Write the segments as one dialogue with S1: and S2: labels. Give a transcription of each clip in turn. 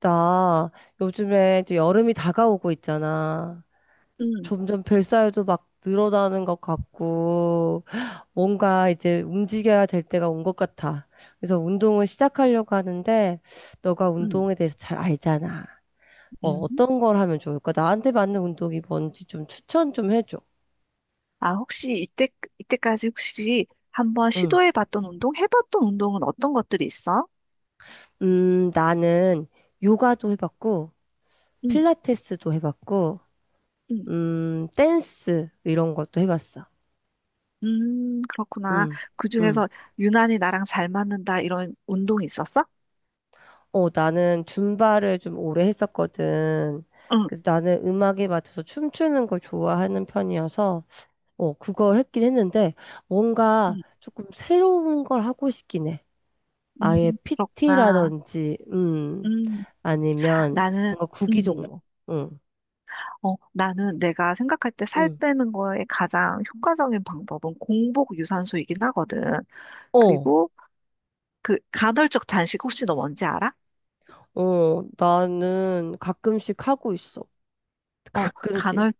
S1: 나 요즘에 이제 여름이 다가오고 있잖아.
S2: 음,
S1: 점점 뱃살도 막 늘어나는 것 같고, 뭔가 이제 움직여야 될 때가 온 것 같아. 그래서 운동을 시작하려고 하는데, 너가
S2: 음,
S1: 운동에 대해서 잘 알잖아.
S2: 음.
S1: 어떤 걸 하면 좋을까? 나한테 맞는 운동이 뭔지 좀 추천 좀 해줘.
S2: 아, 혹시 이때까지 혹시 한번
S1: 응.
S2: 해봤던 운동은 어떤 것들이 있어?
S1: 나는 요가도 해봤고,
S2: 음,
S1: 필라테스도 해봤고,
S2: 음,
S1: 댄스 이런 것도 해봤어.
S2: 그렇구나.
S1: 응, 응.
S2: 그중에서 유난히 나랑 잘 맞는다, 이런 운동이 있었어?
S1: 어, 나는 줌바를 좀 오래 했었거든.
S2: 응,
S1: 그래서 나는 음악에 맞춰서 춤추는 걸 좋아하는 편이어서, 그거 했긴 했는데, 뭔가
S2: 음,
S1: 조금 새로운 걸 하고 싶긴 해. 아예
S2: 그렇구나.
S1: PT라든지,
S2: 음,
S1: 아니면
S2: 나는,
S1: 뭔가 구기
S2: 음,
S1: 종목. 응,
S2: 나는 내가 생각할 때 살
S1: 응.
S2: 빼는 거에 가장 효과적인 방법은 공복 유산소이긴 하거든.
S1: 어,
S2: 그리고 그 간헐적 단식 혹시 너 뭔지 알아?
S1: 어, 나는 가끔씩 하고 있어.
S2: 어,
S1: 가끔씩.
S2: 간헐적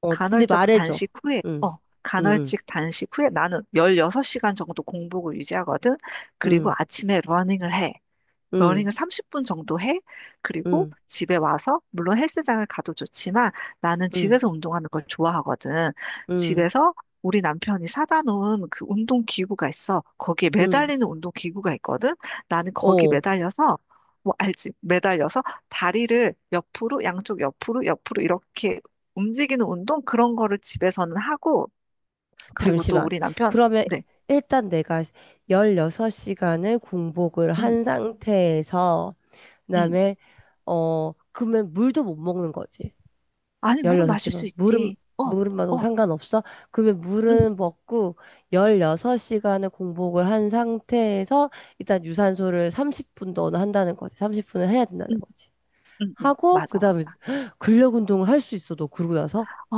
S1: 어, 근데 말해줘. 응, 응,
S2: 간헐적 단식 후에 나는 16시간 정도 공복을 유지하거든. 그리고
S1: 응,
S2: 아침에 러닝을 해.
S1: 응,
S2: 러닝을 30분 정도 해. 그리고
S1: 응,
S2: 집에 와서, 물론 헬스장을 가도 좋지만 나는
S1: 응, 응,
S2: 집에서 운동하는 걸 좋아하거든.
S1: 응,
S2: 집에서 우리 남편이 사다 놓은 그 운동 기구가 있어. 거기에
S1: 응.
S2: 매달리는 운동 기구가 있거든. 나는 거기
S1: 어.
S2: 매달려서 뭐 알지? 매달려서 다리를 옆으로, 양쪽 옆으로, 옆으로 이렇게 움직이는 운동 그런 거를 집에서는 하고 그리고 또
S1: 잠시만.
S2: 우리 남편
S1: 그러면
S2: 네.
S1: 일단 내가 16시간을 공복을
S2: 음.
S1: 한 상태에서,
S2: 음.
S1: 그다음에, 그러면 물도 못 먹는 거지.
S2: 아니, 물은 마실 수
S1: 16시간. 물은,
S2: 있지. 어,
S1: 물은 마도
S2: 어,
S1: 상관없어? 그러면
S2: 음.
S1: 물은 먹고 16시간을 공복을 한 상태에서 일단 유산소를 30분 너는 한다는 거지. 30분을 해야 된다는 거지.
S2: 응, 응,
S1: 하고,
S2: 맞아,
S1: 그다음에
S2: 맞아.
S1: 근력 운동을 할 수 있어, 너 그러고 나서?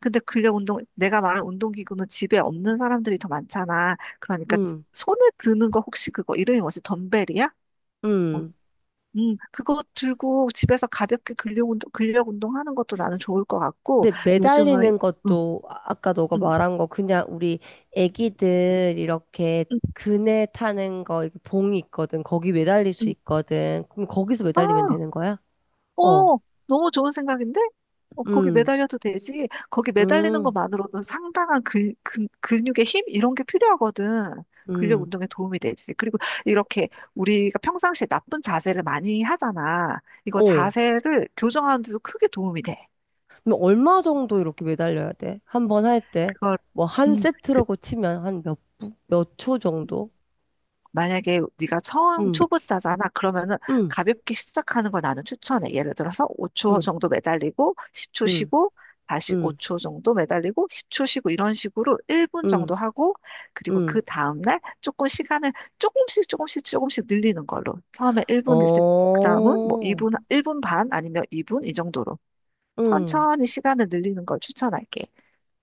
S2: 근데 근력 운동, 내가 말한 운동기구는 집에 없는 사람들이 더 많잖아. 그러니까
S1: 응,
S2: 손에 드는 거 혹시 그거 이름이 뭐지? 덤벨이야? 어,
S1: 응.
S2: 그거 들고 집에서 가볍게 근력 운동 하는 것도 나는 좋을 것 같고,
S1: 근데
S2: 요즘은,
S1: 매달리는
S2: 어,
S1: 것도 아까 너가
S2: 응,
S1: 말한 거 그냥 우리 애기들 이렇게
S2: 응,
S1: 그네 타는 거 이렇게 봉이 있거든. 거기 매달릴 수
S2: 응.
S1: 있거든. 그럼 거기서 매달리면 되는 거야? 어.
S2: 어, 너무 좋은 생각인데? 거기
S1: 음.
S2: 매달려도 되지. 거기 매달리는
S1: 음.
S2: 것만으로도 상당한 근육의 힘? 이런 게 필요하거든. 근력
S1: 음.
S2: 운동에 도움이 되지. 그리고 이렇게 우리가 평상시에 나쁜 자세를 많이 하잖아. 이거
S1: 어.
S2: 자세를 교정하는 데도 크게 도움이 돼.
S1: 그럼 얼마 정도 이렇게 매달려야 돼? 한번 할 때?
S2: 그걸,
S1: 뭐 한
S2: 음, 그,
S1: 세트라고 치면 한 몇, 몇초 정도?
S2: 만약에 네가 처음
S1: 음.
S2: 초보자잖아. 그러면은
S1: 음.
S2: 가볍게 시작하는 걸 나는 추천해. 예를 들어서 5초
S1: 음.
S2: 정도 매달리고 10초
S1: 음.
S2: 쉬고 다시
S1: 음.
S2: 5초 정도 매달리고 10초 쉬고 이런 식으로 1분
S1: 음.
S2: 정도 하고 그리고 그
S1: 음.
S2: 다음날 조금 시간을 조금씩 조금씩 조금씩 늘리는 걸로. 처음에 1분 했을 그다음은 뭐
S1: 어.
S2: 2분 1분 반 아니면 2분 이 정도로
S1: 음.
S2: 천천히 시간을 늘리는 걸 추천할게.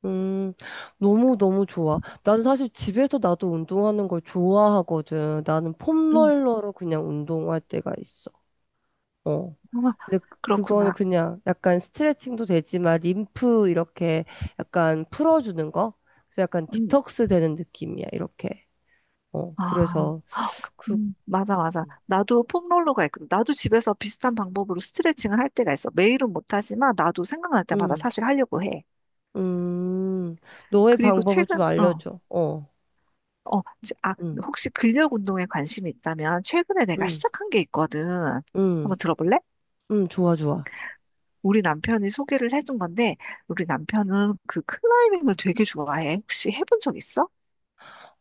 S1: 음, 너무너무 좋아. 나는 사실 집에서 나도 운동하는 걸 좋아하거든. 나는
S2: 음.
S1: 폼롤러로 그냥 운동할 때가 있어. 어.
S2: 어,
S1: 근데 그거는
S2: 그렇구나.
S1: 그냥 약간 스트레칭도 되지만 림프 이렇게 약간 풀어주는 거? 그래서 약간
S2: 음.
S1: 디톡스 되는 느낌이야, 이렇게. 어,
S2: 아,
S1: 그래서 그,
S2: 맞아, 맞아. 나도 폼롤러가 있거든. 나도 집에서 비슷한 방법으로 스트레칭을 할 때가 있어. 매일은 못하지만 나도 생각날 때마다
S1: 음,
S2: 사실 하려고 해.
S1: 음, 너의
S2: 그리고
S1: 방법을
S2: 최근,
S1: 좀
S2: 어,
S1: 알려줘. 어,
S2: 어, 지- 아,
S1: 음,
S2: 혹시 근력 운동에 관심이 있다면 최근에 내가
S1: 음,
S2: 시작한 게 있거든.
S1: 음,
S2: 한번 들어볼래?
S1: 좋아, 좋아.
S2: 우리 남편이 소개를 해준 건데, 우리 남편은 그 클라이밍을 되게 좋아해. 혹시 해본 적 있어?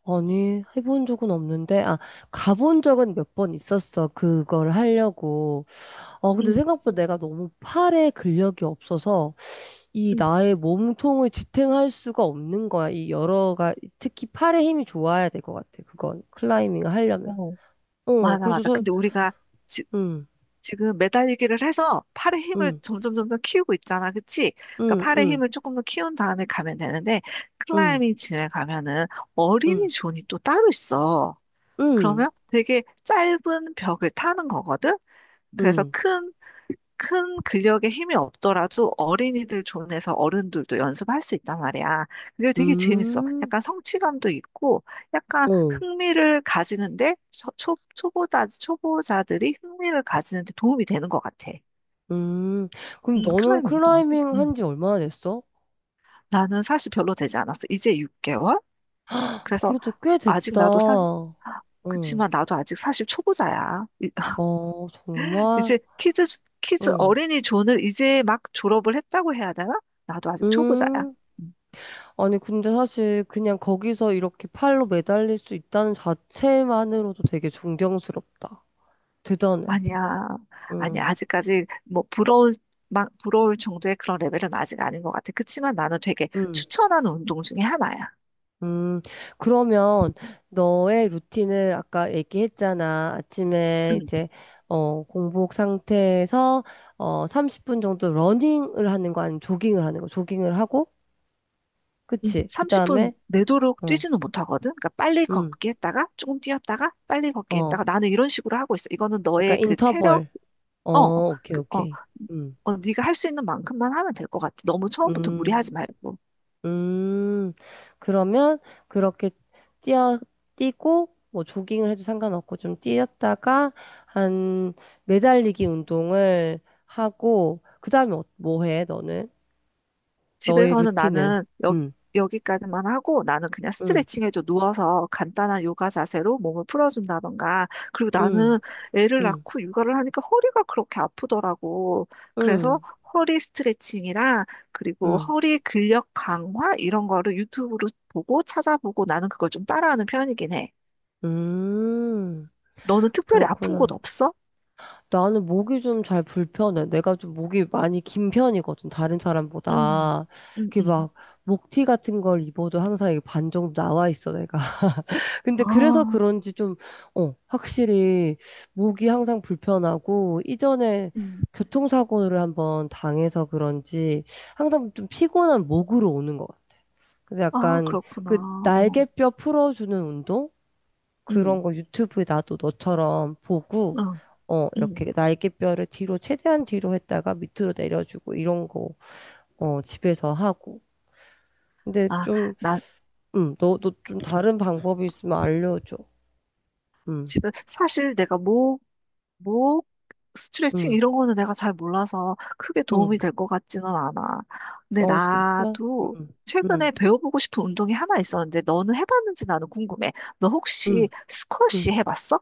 S1: 아니, 해본 적은 없는데, 아, 가본 적은 몇 번 있었어. 그걸 하려고. 어, 근데
S2: 응,
S1: 생각보다 내가 너무 팔에 근력이 없어서 이
S2: 응.
S1: 나의 몸통을 지탱할 수가 없는 거야. 이 여러가, 특히 팔에 힘이 좋아야 될 것 같아. 그건, 클라이밍을 하려면.
S2: 어,
S1: 어,
S2: 맞아,
S1: 그래서,
S2: 맞아.
S1: 저-
S2: 근데 우리가
S1: 음,
S2: 지금 매달리기를 해서 팔의 힘을
S1: 음,
S2: 점점 점점 키우고 있잖아. 그치? 그러니까
S1: 음,
S2: 팔의
S1: 음,
S2: 힘을 조금 더 키운 다음에 가면 되는데
S1: 음,
S2: 클라이밍 짐에 가면은
S1: 음,
S2: 어린이 존이 또 따로 있어.
S1: 음,
S2: 그러면 되게 짧은 벽을 타는 거거든. 그래서
S1: 음,
S2: 큰 근력에 힘이 없더라도 어린이들 존에서 어른들도 연습할 수 있단 말이야. 그게 되게 재밌어.
S1: 음,
S2: 약간 성취감도 있고, 약간
S1: 어,
S2: 흥미를 가지는데, 초보자들이 흥미를 가지는데 도움이 되는 것 같아.
S1: 음. 그럼 너는
S2: 클라이밍 어떤 거지?
S1: 클라이밍
S2: 음.
S1: 한지 얼마나 됐어?
S2: 나는 사실 별로 되지 않았어. 이제 6개월? 그래서
S1: 그래도 꽤
S2: 아직
S1: 됐다.
S2: 나도 사,
S1: 응,
S2: 그치만 나도 아직 사실 초보자야.
S1: 어, 정말?
S2: 이제 키즈
S1: 응.
S2: 어린이 존을 이제 막 졸업을 했다고 해야 되나? 나도 아직 초보자야.
S1: 음.
S2: 음.
S1: 아니, 근데 사실 그냥 거기서 이렇게 팔로 매달릴 수 있다는 자체만으로도 되게 존경스럽다. 대단해.
S2: 아니야. 아니,
S1: 응,
S2: 아직까지 뭐 막 부러울 정도의 그런 레벨은 아직 아닌 것 같아. 그치만 나는 되게
S1: 응,
S2: 추천하는 운동 중에 하나야.
S1: 음. 그러면 너의 루틴을 아까 얘기했잖아. 아침에
S2: 음.
S1: 이제, 어, 공복 상태에서, 어, 30분 정도 러닝을 하는 거 아니면 조깅을 하는 거. 조깅을 하고,
S2: 음.
S1: 그치? 그 다음에,
S2: 30분 내도록
S1: 어,
S2: 뛰지는 못하거든. 그러니까 빨리
S1: 응,
S2: 걷기 했다가 조금 뛰었다가 빨리 걷기
S1: 어.
S2: 했다가 나는 이런 식으로 하고 있어. 이거는
S1: 약간
S2: 너의 그 체력.
S1: 인터벌. 어,
S2: 어, 어,
S1: 오케이,
S2: 그, 어,
S1: 오케이. 음,
S2: 네가 할 수 있는 만큼만 하면 될 것 같아. 너무 처음부터 무리하지
S1: 음,
S2: 말고.
S1: 음. 그러면 그렇게 뛰어, 뛰고, 뭐 조깅을 해도 상관없고 좀 뛰었다가 한 매달리기 운동을 하고, 그 다음에 뭐 해, 너는? 너의
S2: 집에서는
S1: 루틴을.
S2: 나는
S1: 음,
S2: 여기까지만 하고 나는 그냥
S1: 음,
S2: 스트레칭 해줘 누워서 간단한 요가 자세로 몸을 풀어준다던가 그리고
S1: 음,
S2: 나는 애를
S1: 음,
S2: 낳고 육아를 하니까 허리가 그렇게 아프더라고. 그래서
S1: 음,
S2: 허리 스트레칭이랑 그리고
S1: 음,
S2: 허리 근력 강화 이런 거를 유튜브로 보고 찾아보고 나는 그걸 좀 따라하는 편이긴 해.
S1: 음.
S2: 너는 특별히 아픈 곳
S1: 그렇구나.
S2: 없어?
S1: 나는 목이 좀 잘 불편해. 내가 좀 목이 많이 긴 편이거든, 다른
S2: 음.
S1: 사람보다.
S2: 음.
S1: 그게
S2: 음.
S1: 막, 목티 같은 걸 입어도 항상 이게 반 정도 나와 있어, 내가. 근데 그래서
S2: 아.
S1: 그런지 좀, 어, 확실히 목이 항상 불편하고, 이전에
S2: 음.
S1: 교통사고를 한번 당해서 그런지 항상 좀 피곤한 목으로 오는 것 같아. 그래서
S2: 아,
S1: 약간
S2: 그렇구나.
S1: 그
S2: 어.
S1: 날개뼈 풀어주는 운동? 그런
S2: 음.
S1: 거 유튜브에 나도 너처럼 보고,
S2: 어.
S1: 어,
S2: 음.
S1: 이렇게 날개뼈를 뒤로, 최대한 뒤로 했다가 밑으로 내려주고, 이런 거, 어, 집에서 하고. 근데
S2: 아,
S1: 좀, 너도 좀 다른 방법이 있으면 알려줘. 음,
S2: 집에 사실 내가 목 스트레칭
S1: 음,
S2: 이런 거는 내가 잘 몰라서 크게
S1: 음.
S2: 도움이 될 것 같지는 않아. 근데
S1: 어, 진짜?
S2: 나도
S1: 음, 음,
S2: 최근에 배워보고 싶은 운동이 하나 있었는데 너는 해봤는지 나는 궁금해. 너 혹시
S1: 음, 음.
S2: 스쿼시 해봤어?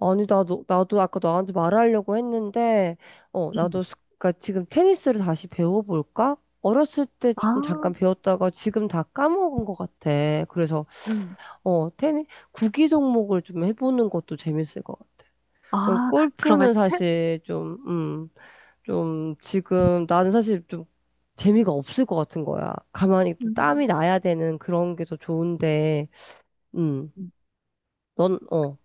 S1: 아니, 나도, 나도 아까 너한테 말하려고 했는데, 어,
S2: 응.
S1: 나도, 그러니까 지금 테니스를 다시 배워볼까? 어렸을 때
S2: 아,
S1: 좀 잠깐 배웠다가 지금 다 까먹은 것 같아. 그래서
S2: 응.
S1: 어, 테니, 구기 종목을 좀 해보는 것도 재밌을 것 같아.
S2: 아, 그러면
S1: 골프는
S2: 태,
S1: 사실 좀, 좀 지금 나는 사실 좀 재미가 없을 것 같은 거야. 가만히 좀 땀이
S2: 음.
S1: 나야 되는 그런 게 더 좋은데, 음, 넌, 어,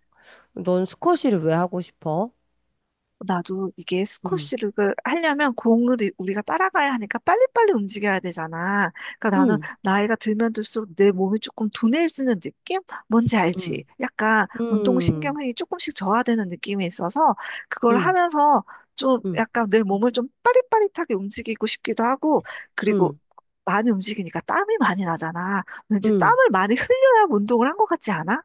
S1: 넌 스쿼시를 왜 하고 싶어?
S2: 나도 이게
S1: 음,
S2: 스쿼시를 하려면 공을 우리가 따라가야 하니까 빨리빨리 움직여야 되잖아. 그러니까 나는
S1: 음,
S2: 나이가 들면 들수록 내 몸이 조금 둔해지는 느낌? 뭔지 알지?
S1: 음,
S2: 약간
S1: 음,
S2: 운동신경이 조금씩 저하되는 느낌이 있어서 그걸
S1: 음,
S2: 하면서 좀
S1: 음,
S2: 약간 내 몸을 좀 빠릿빠릿하게 움직이고 싶기도 하고 그리고
S1: 음,
S2: 많이 움직이니까 땀이 많이 나잖아. 왠지
S1: 음.
S2: 땀을 많이 흘려야 운동을 한 것 같지 않아?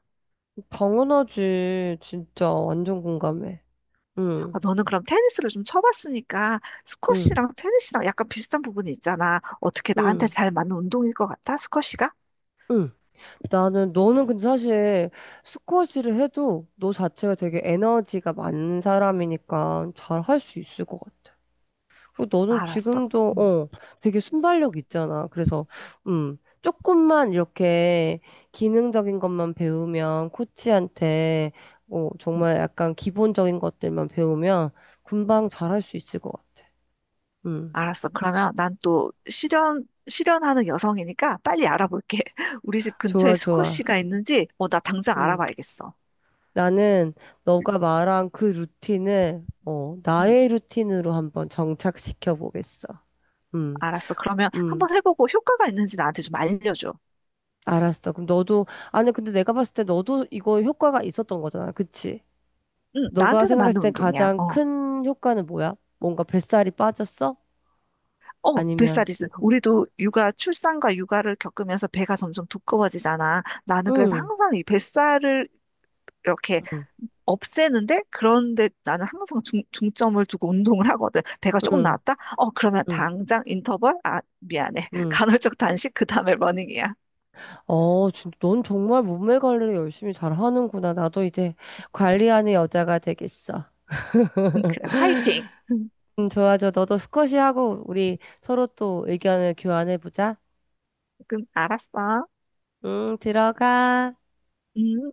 S1: 당연하지. 진짜 완전 공감해.
S2: 아,
S1: 음,
S2: 너는 그럼 테니스를 좀 쳐봤으니까
S1: 음,
S2: 스쿼시랑 테니스랑 약간 비슷한 부분이 있잖아. 어떻게 나한테
S1: 음,
S2: 잘 맞는 운동일 것 같아? 스쿼시가?
S1: 음. 나는 너는 근데 사실 스쿼시를 해도 너 자체가 되게 에너지가 많은 사람이니까 잘 할 수 있을 것 같아. 그리고 너는
S2: 알았어.
S1: 지금도
S2: 음.
S1: 어 되게 순발력 있잖아. 그래서 조금만 이렇게 기능적인 것만 배우면 코치한테 어
S2: 음.
S1: 정말 약간 기본적인 것들만 배우면 금방 잘 할 수 있을 것 같아. 음
S2: 알았어. 그러면 난 또 실현하는 여성이니까 빨리 알아볼게. 우리 집 근처에
S1: 좋아 좋아.
S2: 스쿼시가 있는지, 나 당장
S1: 음.
S2: 알아봐야겠어.
S1: 나는 너가 말한 그 루틴을 어,
S2: 음,
S1: 나의 루틴으로 한번 정착시켜 보겠어. 음,
S2: 알았어. 그러면
S1: 음,
S2: 한번 해보고 효과가 있는지 나한테 좀 알려줘.
S1: 알았어. 그럼 너도 아니 근데 내가 봤을 때 너도 이거 효과가 있었던 거잖아, 그치?
S2: 응,
S1: 너가
S2: 나한테는 맞는
S1: 생각했을 때
S2: 운동이야.
S1: 가장
S2: 어.
S1: 큰 효과는 뭐야? 뭔가 뱃살이 빠졌어?
S2: 어,
S1: 아니면
S2: 뱃살이지. 우리도 육아, 출산과 육아를 겪으면서 배가 점점 두꺼워지잖아. 나는 그래서
S1: 응,
S2: 항상 이 뱃살을 이렇게
S1: 응,
S2: 없애는데, 그런데 나는 항상 중점을 두고 운동을 하거든. 배가 조금
S1: 응,
S2: 나왔다? 그러면
S1: 응,
S2: 당장 인터벌? 아, 미안해.
S1: 응.
S2: 간헐적 단식, 그 다음에 러닝이야.
S1: 어, 진짜 넌 정말 몸매 관리를 열심히 잘 하는구나. 나도 이제 관리하는 여자가 되겠어.
S2: 그래, 화이팅! 음,
S1: 좋아 너도 스쿼시 하고 우리 서로 또 의견을 교환해보자.
S2: 그럼 알았어.
S1: 응, 들어가.
S2: 음.